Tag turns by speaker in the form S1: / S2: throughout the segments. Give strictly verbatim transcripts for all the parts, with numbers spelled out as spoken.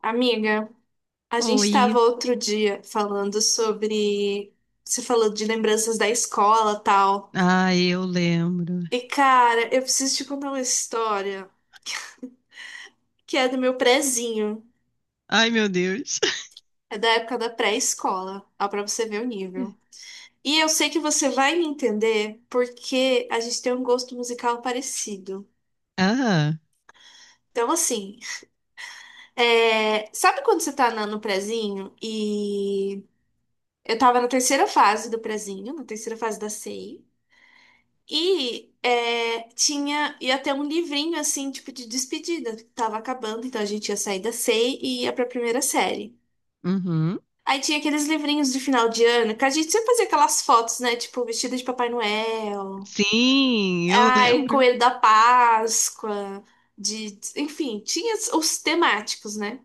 S1: Amiga, a gente
S2: Oi.
S1: estava outro dia falando sobre. Você falou de lembranças da escola, tal.
S2: Ah, eu lembro.
S1: E, cara, eu preciso te contar uma história que é do meu prezinho.
S2: Ai, meu Deus.
S1: É da época da pré-escola, ó, pra você ver o nível. E eu sei que você vai me entender porque a gente tem um gosto musical parecido.
S2: Ah,
S1: Então, assim, é, sabe quando você tá na- no prezinho e eu tava na terceira fase do prezinho, na terceira fase da C I. E é, tinha, ia ter um livrinho assim, tipo de despedida, que tava acabando, então a gente ia sair da C E I e ia pra primeira série.
S2: uhum.
S1: Aí tinha aqueles livrinhos de final de ano, que a gente sempre fazia aquelas fotos, né? Tipo, vestida de Papai Noel,
S2: Sim, eu
S1: ai,
S2: lembro.
S1: Coelho da Páscoa, de, enfim, tinha os os temáticos, né?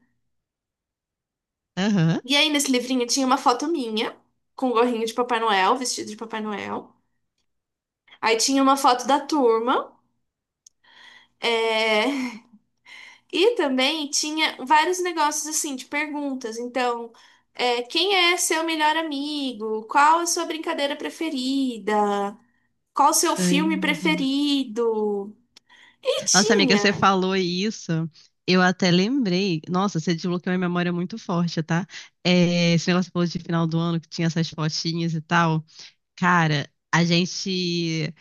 S2: Aham.
S1: E aí nesse livrinho tinha uma foto minha, com o gorrinho de Papai Noel, vestido de Papai Noel. Aí tinha uma foto da turma. É... E também tinha vários negócios assim de perguntas. Então, é, quem é seu melhor amigo? Qual a sua brincadeira preferida? Qual o seu
S2: Ai,
S1: filme
S2: meu Deus.
S1: preferido? E
S2: Nossa, amiga, você
S1: tinha.
S2: falou isso. Eu até lembrei. Nossa, você desbloqueou uma memória muito forte, tá? É, esse negócio que você falou de final do ano que tinha essas fotinhas e tal. Cara, a gente,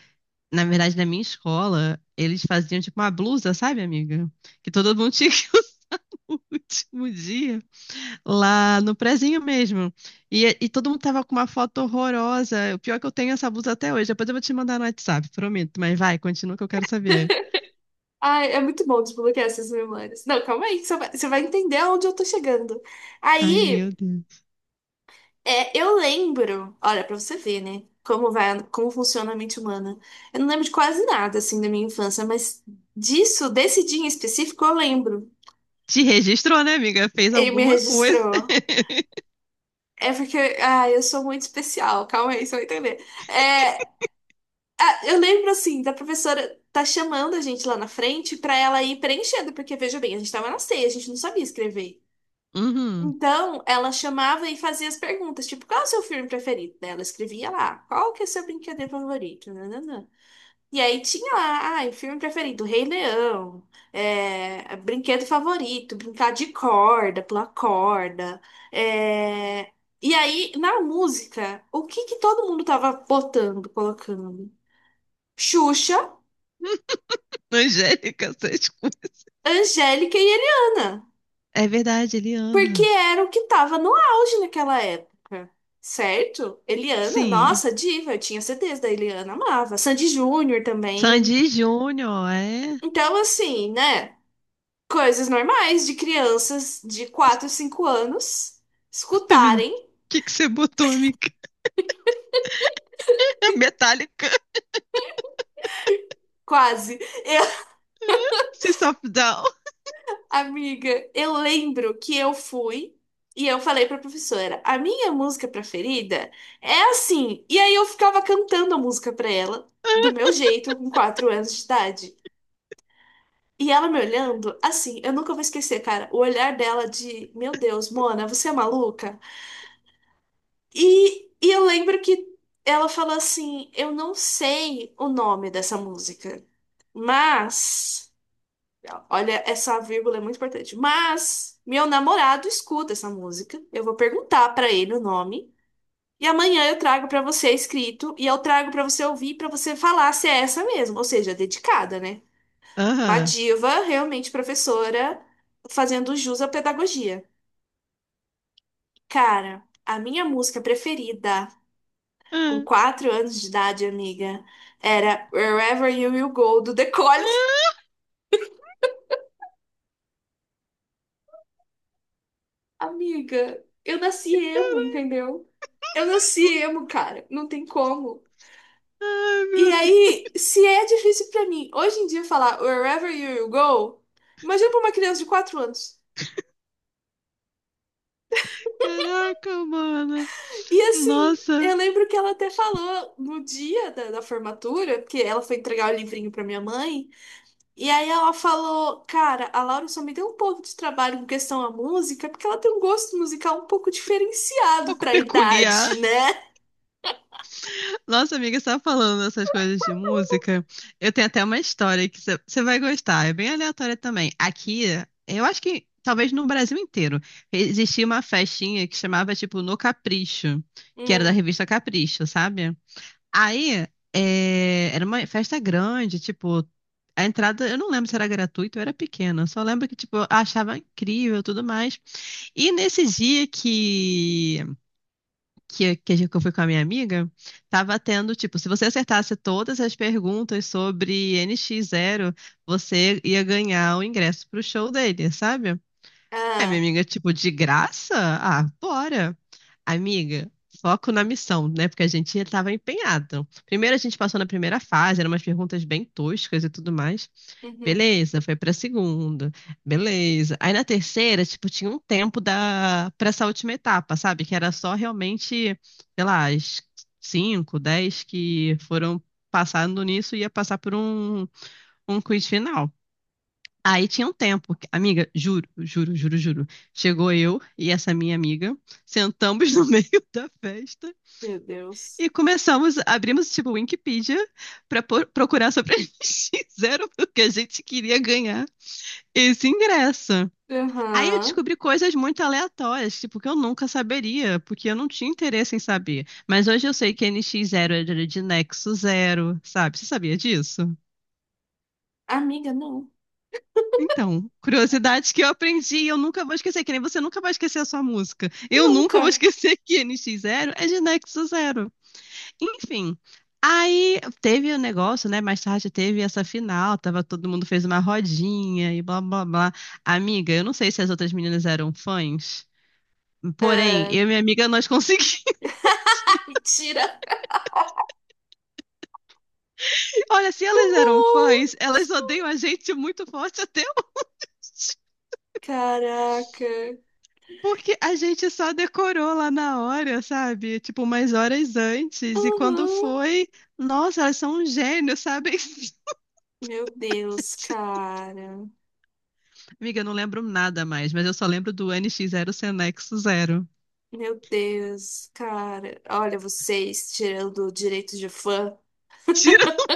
S2: na verdade, na minha escola, eles faziam tipo uma blusa, sabe, amiga? Que todo mundo tinha que o último dia. Lá no prezinho mesmo. E, e todo mundo tava com uma foto horrorosa. O pior é que eu tenho essa blusa até hoje. Depois eu vou te mandar no WhatsApp, prometo. Mas vai, continua que eu quero saber.
S1: Ai, é muito bom desbloquear essas memórias. Não, calma aí, que você vai, você vai entender aonde eu tô chegando.
S2: Ai,
S1: Aí,
S2: meu Deus.
S1: é, eu lembro. Olha, pra você ver, né? Como vai, como funciona a mente humana. Eu não lembro de quase nada assim da minha infância, mas disso, desse dia em específico, eu lembro.
S2: Te registrou, né, amiga? Fez
S1: Ele me
S2: alguma coisa.
S1: registrou. É porque, ah, eu sou muito especial. Calma aí, você vai entender. É, ah, eu lembro assim, da professora tá chamando a gente lá na frente pra ela ir preenchendo, porque veja bem, a gente tava na ceia, a gente não sabia escrever.
S2: Uhum.
S1: Então, ela chamava e fazia as perguntas, tipo, qual é o seu filme preferido? Daí Ela escrevia lá, qual que é o seu brinquedo favorito? Nananã. E aí tinha lá, ai, filme preferido, Rei Leão, é, brinquedo favorito, brincar de corda, pular corda. é, E aí, na música, o que que todo mundo tava botando, colocando? Xuxa,
S2: Angélica, essas coisas.
S1: Angélica e Eliana,
S2: É verdade,
S1: porque
S2: Eliana.
S1: era o que tava no auge naquela época, certo? Eliana,
S2: Sim.
S1: nossa, diva, eu tinha C Ds da Eliana, amava. Sandy Júnior também.
S2: Sandy Júnior, é?
S1: Então, assim, né? Coisas normais de crianças de quatro, cinco anos
S2: O
S1: escutarem,
S2: que que você botou, amiga? Metallica.
S1: quase. Eu,
S2: System of a Down.
S1: amiga, eu lembro que eu fui e eu falei pra professora, a minha música preferida é assim. E aí eu ficava cantando a música pra ela, do meu jeito, com quatro anos de idade. E ela me olhando, assim, eu nunca vou esquecer, cara, o olhar dela de, meu Deus, Mona, você é maluca? E, e eu lembro que ela falou assim: Eu não sei o nome dessa música, mas. Olha, essa vírgula é muito importante. Mas meu namorado escuta essa música. Eu vou perguntar pra ele o nome. E amanhã eu trago pra você escrito e eu trago pra você ouvir pra você falar se é essa mesmo, ou seja, dedicada, né? Uma
S2: Aham.
S1: diva, realmente professora, fazendo jus à pedagogia. Cara, a minha música preferida com
S2: Ah.
S1: quatro anos de idade, amiga. Era Wherever You Will Go, do The Collins.
S2: Ah.
S1: Amiga, eu nasci emo, entendeu? Eu nasci emo, cara. Não tem como.
S2: Ai,
S1: E
S2: meu
S1: aí, se é difícil pra mim hoje em dia falar Wherever You Will Go, imagina pra uma criança de quatro anos.
S2: Caraca, mano.
S1: E assim,
S2: Nossa, um
S1: eu lembro que ela até falou no dia da, da formatura, porque ela foi entregar o livrinho pra minha mãe. E aí ela falou, cara, a Laura só me deu um pouco de trabalho com questão à música, porque ela tem um gosto musical um pouco diferenciado
S2: pouco
S1: pra
S2: peculiar.
S1: idade, né?
S2: Nossa, amiga, você tá falando essas coisas de música. Eu tenho até uma história que você você vai gostar. É bem aleatória também. Aqui, eu acho que talvez no Brasil inteiro, existia uma festinha que chamava, tipo, No Capricho, que era da
S1: Hum,
S2: revista Capricho, sabe? Aí, é, era uma festa grande, tipo, a entrada, eu não lembro se era gratuita ou era pequena. Só lembro que, tipo, eu achava incrível e tudo mais. E nesse dia que, que, que a gente- que eu fui com a minha amiga, tava tendo, tipo, se você acertasse todas as perguntas sobre N X zero, você ia ganhar o ingresso pro show dele, sabe? Aí minha
S1: ah,
S2: amiga, tipo, de graça? Ah, bora. Amiga, foco na missão, né? Porque a gente tava empenhado. Primeiro a gente passou na primeira fase, eram umas perguntas bem toscas e tudo mais.
S1: uhum.
S2: Beleza, foi pra segunda. Beleza. Aí na terceira, tipo, tinha um tempo da para essa última etapa, sabe? Que era só realmente, sei lá, as cinco, dez que foram passando nisso ia passar por um, um quiz final. Aí tinha um tempo. que- Amiga, juro, juro, juro, juro. Chegou eu e essa minha amiga, sentamos no meio da festa
S1: Meu Deus.
S2: e começamos, abrimos tipo Wikipedia para procurar sobre a N X Zero, porque a gente queria ganhar. Esse ingresso. Aí eu
S1: Aham.
S2: descobri coisas muito aleatórias, tipo, que eu nunca saberia, porque eu não tinha interesse em saber. Mas hoje eu sei que NX Zero era de Nexo Zero, sabe? Você sabia disso?
S1: Amiga, não.
S2: Então, curiosidades que eu aprendi e eu nunca vou esquecer, que nem você nunca vai esquecer a sua música. Eu nunca vou
S1: Nunca.
S2: esquecer que NX Zero é de Nexo Zero. Enfim. Aí teve o negócio, né? Mais tarde teve essa final, tava todo mundo fez uma rodinha e blá blá blá. Amiga, eu não sei se as outras meninas eram fãs, porém,
S1: É.
S2: eu e minha amiga, nós conseguimos.
S1: Mentira.
S2: Olha, se
S1: Muito
S2: elas eram
S1: bom.
S2: fãs, elas odeiam a gente muito forte até hoje.
S1: Caraca.
S2: Porque a gente só decorou lá na hora, sabe? Tipo, umas horas antes. E quando
S1: Aham.
S2: foi, nossa, elas são um gênio, sabe?
S1: Meu Deus, cara.
S2: Amiga, eu não lembro nada mais, mas eu só lembro do N X zero Senex zero.
S1: Meu Deus, cara. Olha vocês tirando direito de fã.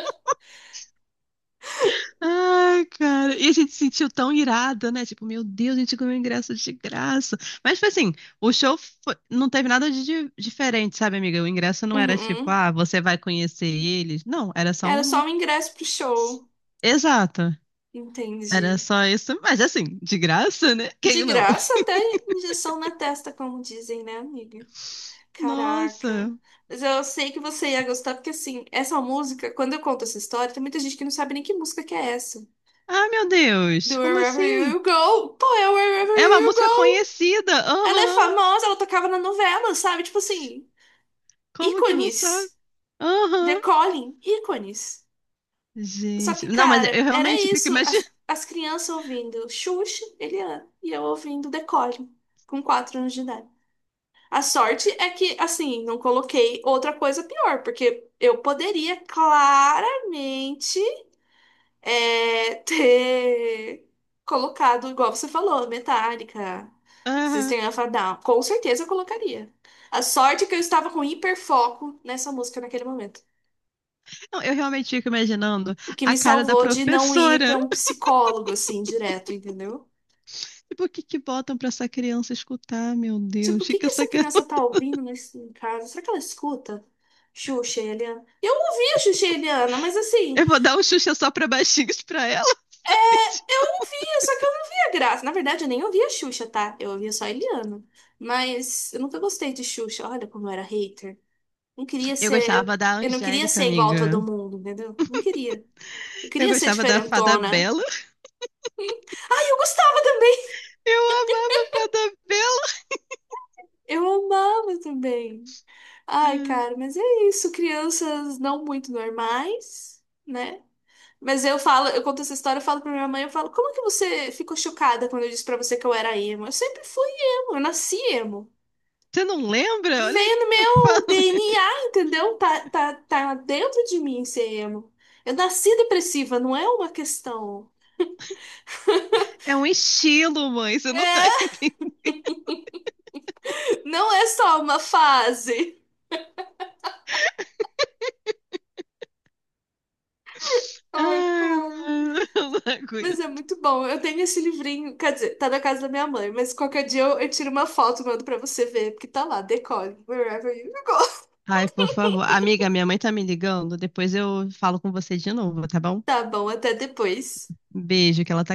S2: Ai, cara. E a gente se sentiu tão irada, né? Tipo, meu Deus, a gente ganhou ingresso de graça. Mas foi assim, o show foi- não teve nada de di- diferente, sabe, amiga? O ingresso não era tipo,
S1: Uhum.
S2: ah, você vai conhecer eles. Não, era só
S1: Era só
S2: um.
S1: o ingresso pro show.
S2: Exato. Era
S1: Entendi.
S2: só isso. Mas assim, de graça, né?
S1: De
S2: Quem não?
S1: graça, até injeção na testa, como dizem, né, amiga? Caraca.
S2: Nossa.
S1: Mas eu sei que você ia gostar, porque assim, essa música, quando eu conto essa história, tem muita gente que não sabe nem que música que é essa.
S2: Ah, meu Deus.
S1: Do
S2: Como
S1: Wherever
S2: assim?
S1: You Go. Pô, é Wherever
S2: É uma
S1: You
S2: música
S1: Go.
S2: conhecida.
S1: Ela é
S2: Aham.
S1: famosa, ela tocava na novela, sabe? Tipo assim,
S2: Como que não sabe?
S1: ícones.
S2: Aham.
S1: Decolhem, ícones. Só
S2: Gente.
S1: que,
S2: Não, mas
S1: cara,
S2: eu
S1: era
S2: realmente fico
S1: isso.
S2: imaginando.
S1: As, as crianças ouvindo Xuxa, Eliana, e eu ouvindo Decore, com quatro anos de idade. A sorte é que, assim, não coloquei outra coisa pior, porque eu poderia claramente é, ter colocado, igual você falou, Metallica, System of a Down. Com certeza eu colocaria. A sorte é que eu estava com hiperfoco nessa música naquele momento.
S2: Não, eu realmente fico imaginando
S1: O que
S2: a
S1: me
S2: cara da
S1: salvou de não ir
S2: professora.
S1: pra um psicólogo, assim, direto, entendeu?
S2: Tipo, o que que botam pra essa criança escutar? Meu
S1: Tipo,
S2: Deus,
S1: o
S2: o que
S1: que
S2: que
S1: que
S2: essa
S1: essa criança
S2: garota...
S1: tá ouvindo nesse, em casa? Será que ela escuta Xuxa e Eliana? Eu ouvia Xuxa e Eliana, mas assim,
S2: Eu vou dar um Xuxa só pra baixinhos pra ela.
S1: eu ouvia, só que eu não via graça. Na verdade, eu nem ouvia Xuxa, tá? Eu ouvia só a Eliana. Mas eu nunca gostei de Xuxa. Olha como eu era hater. Não queria
S2: Eu
S1: ser.
S2: gostava da
S1: Eu não queria
S2: Angélica,
S1: ser igual a todo
S2: amiga.
S1: mundo, entendeu? Não queria. Eu
S2: Eu
S1: queria ser
S2: gostava da Fada
S1: diferentona.
S2: Bela.
S1: Ai, eu gostava também.
S2: Eu amava a Fada
S1: Eu amava também. Ai,
S2: Bela.
S1: cara, mas é isso. Crianças não muito normais, né? Mas eu falo, eu conto essa história, eu falo pra minha mãe, eu falo, como é que você ficou chocada quando eu disse pra você que eu era emo? Eu sempre fui emo, eu nasci emo.
S2: Você não lembra? Olha o
S1: Veio no
S2: que eu
S1: meu
S2: falo.
S1: D N A, entendeu? Tá, tá, tá dentro de mim ser emo. Eu nasci depressiva, não é uma questão.
S2: É um estilo, mãe. Você não tá entendendo.
S1: Não é só uma fase. Ai,
S2: Ai,
S1: cara.
S2: mano, eu não
S1: Mas é
S2: aguento.
S1: muito bom. Eu tenho esse livrinho, quer dizer, tá na casa da minha mãe, mas qualquer dia eu, eu, tiro uma foto e mando pra você ver, porque tá lá, decore, wherever you go.
S2: Ai, por favor. Amiga, minha mãe tá me ligando. Depois eu falo com você de novo, tá bom?
S1: Tá bom, até depois.
S2: Beijo, que ela tá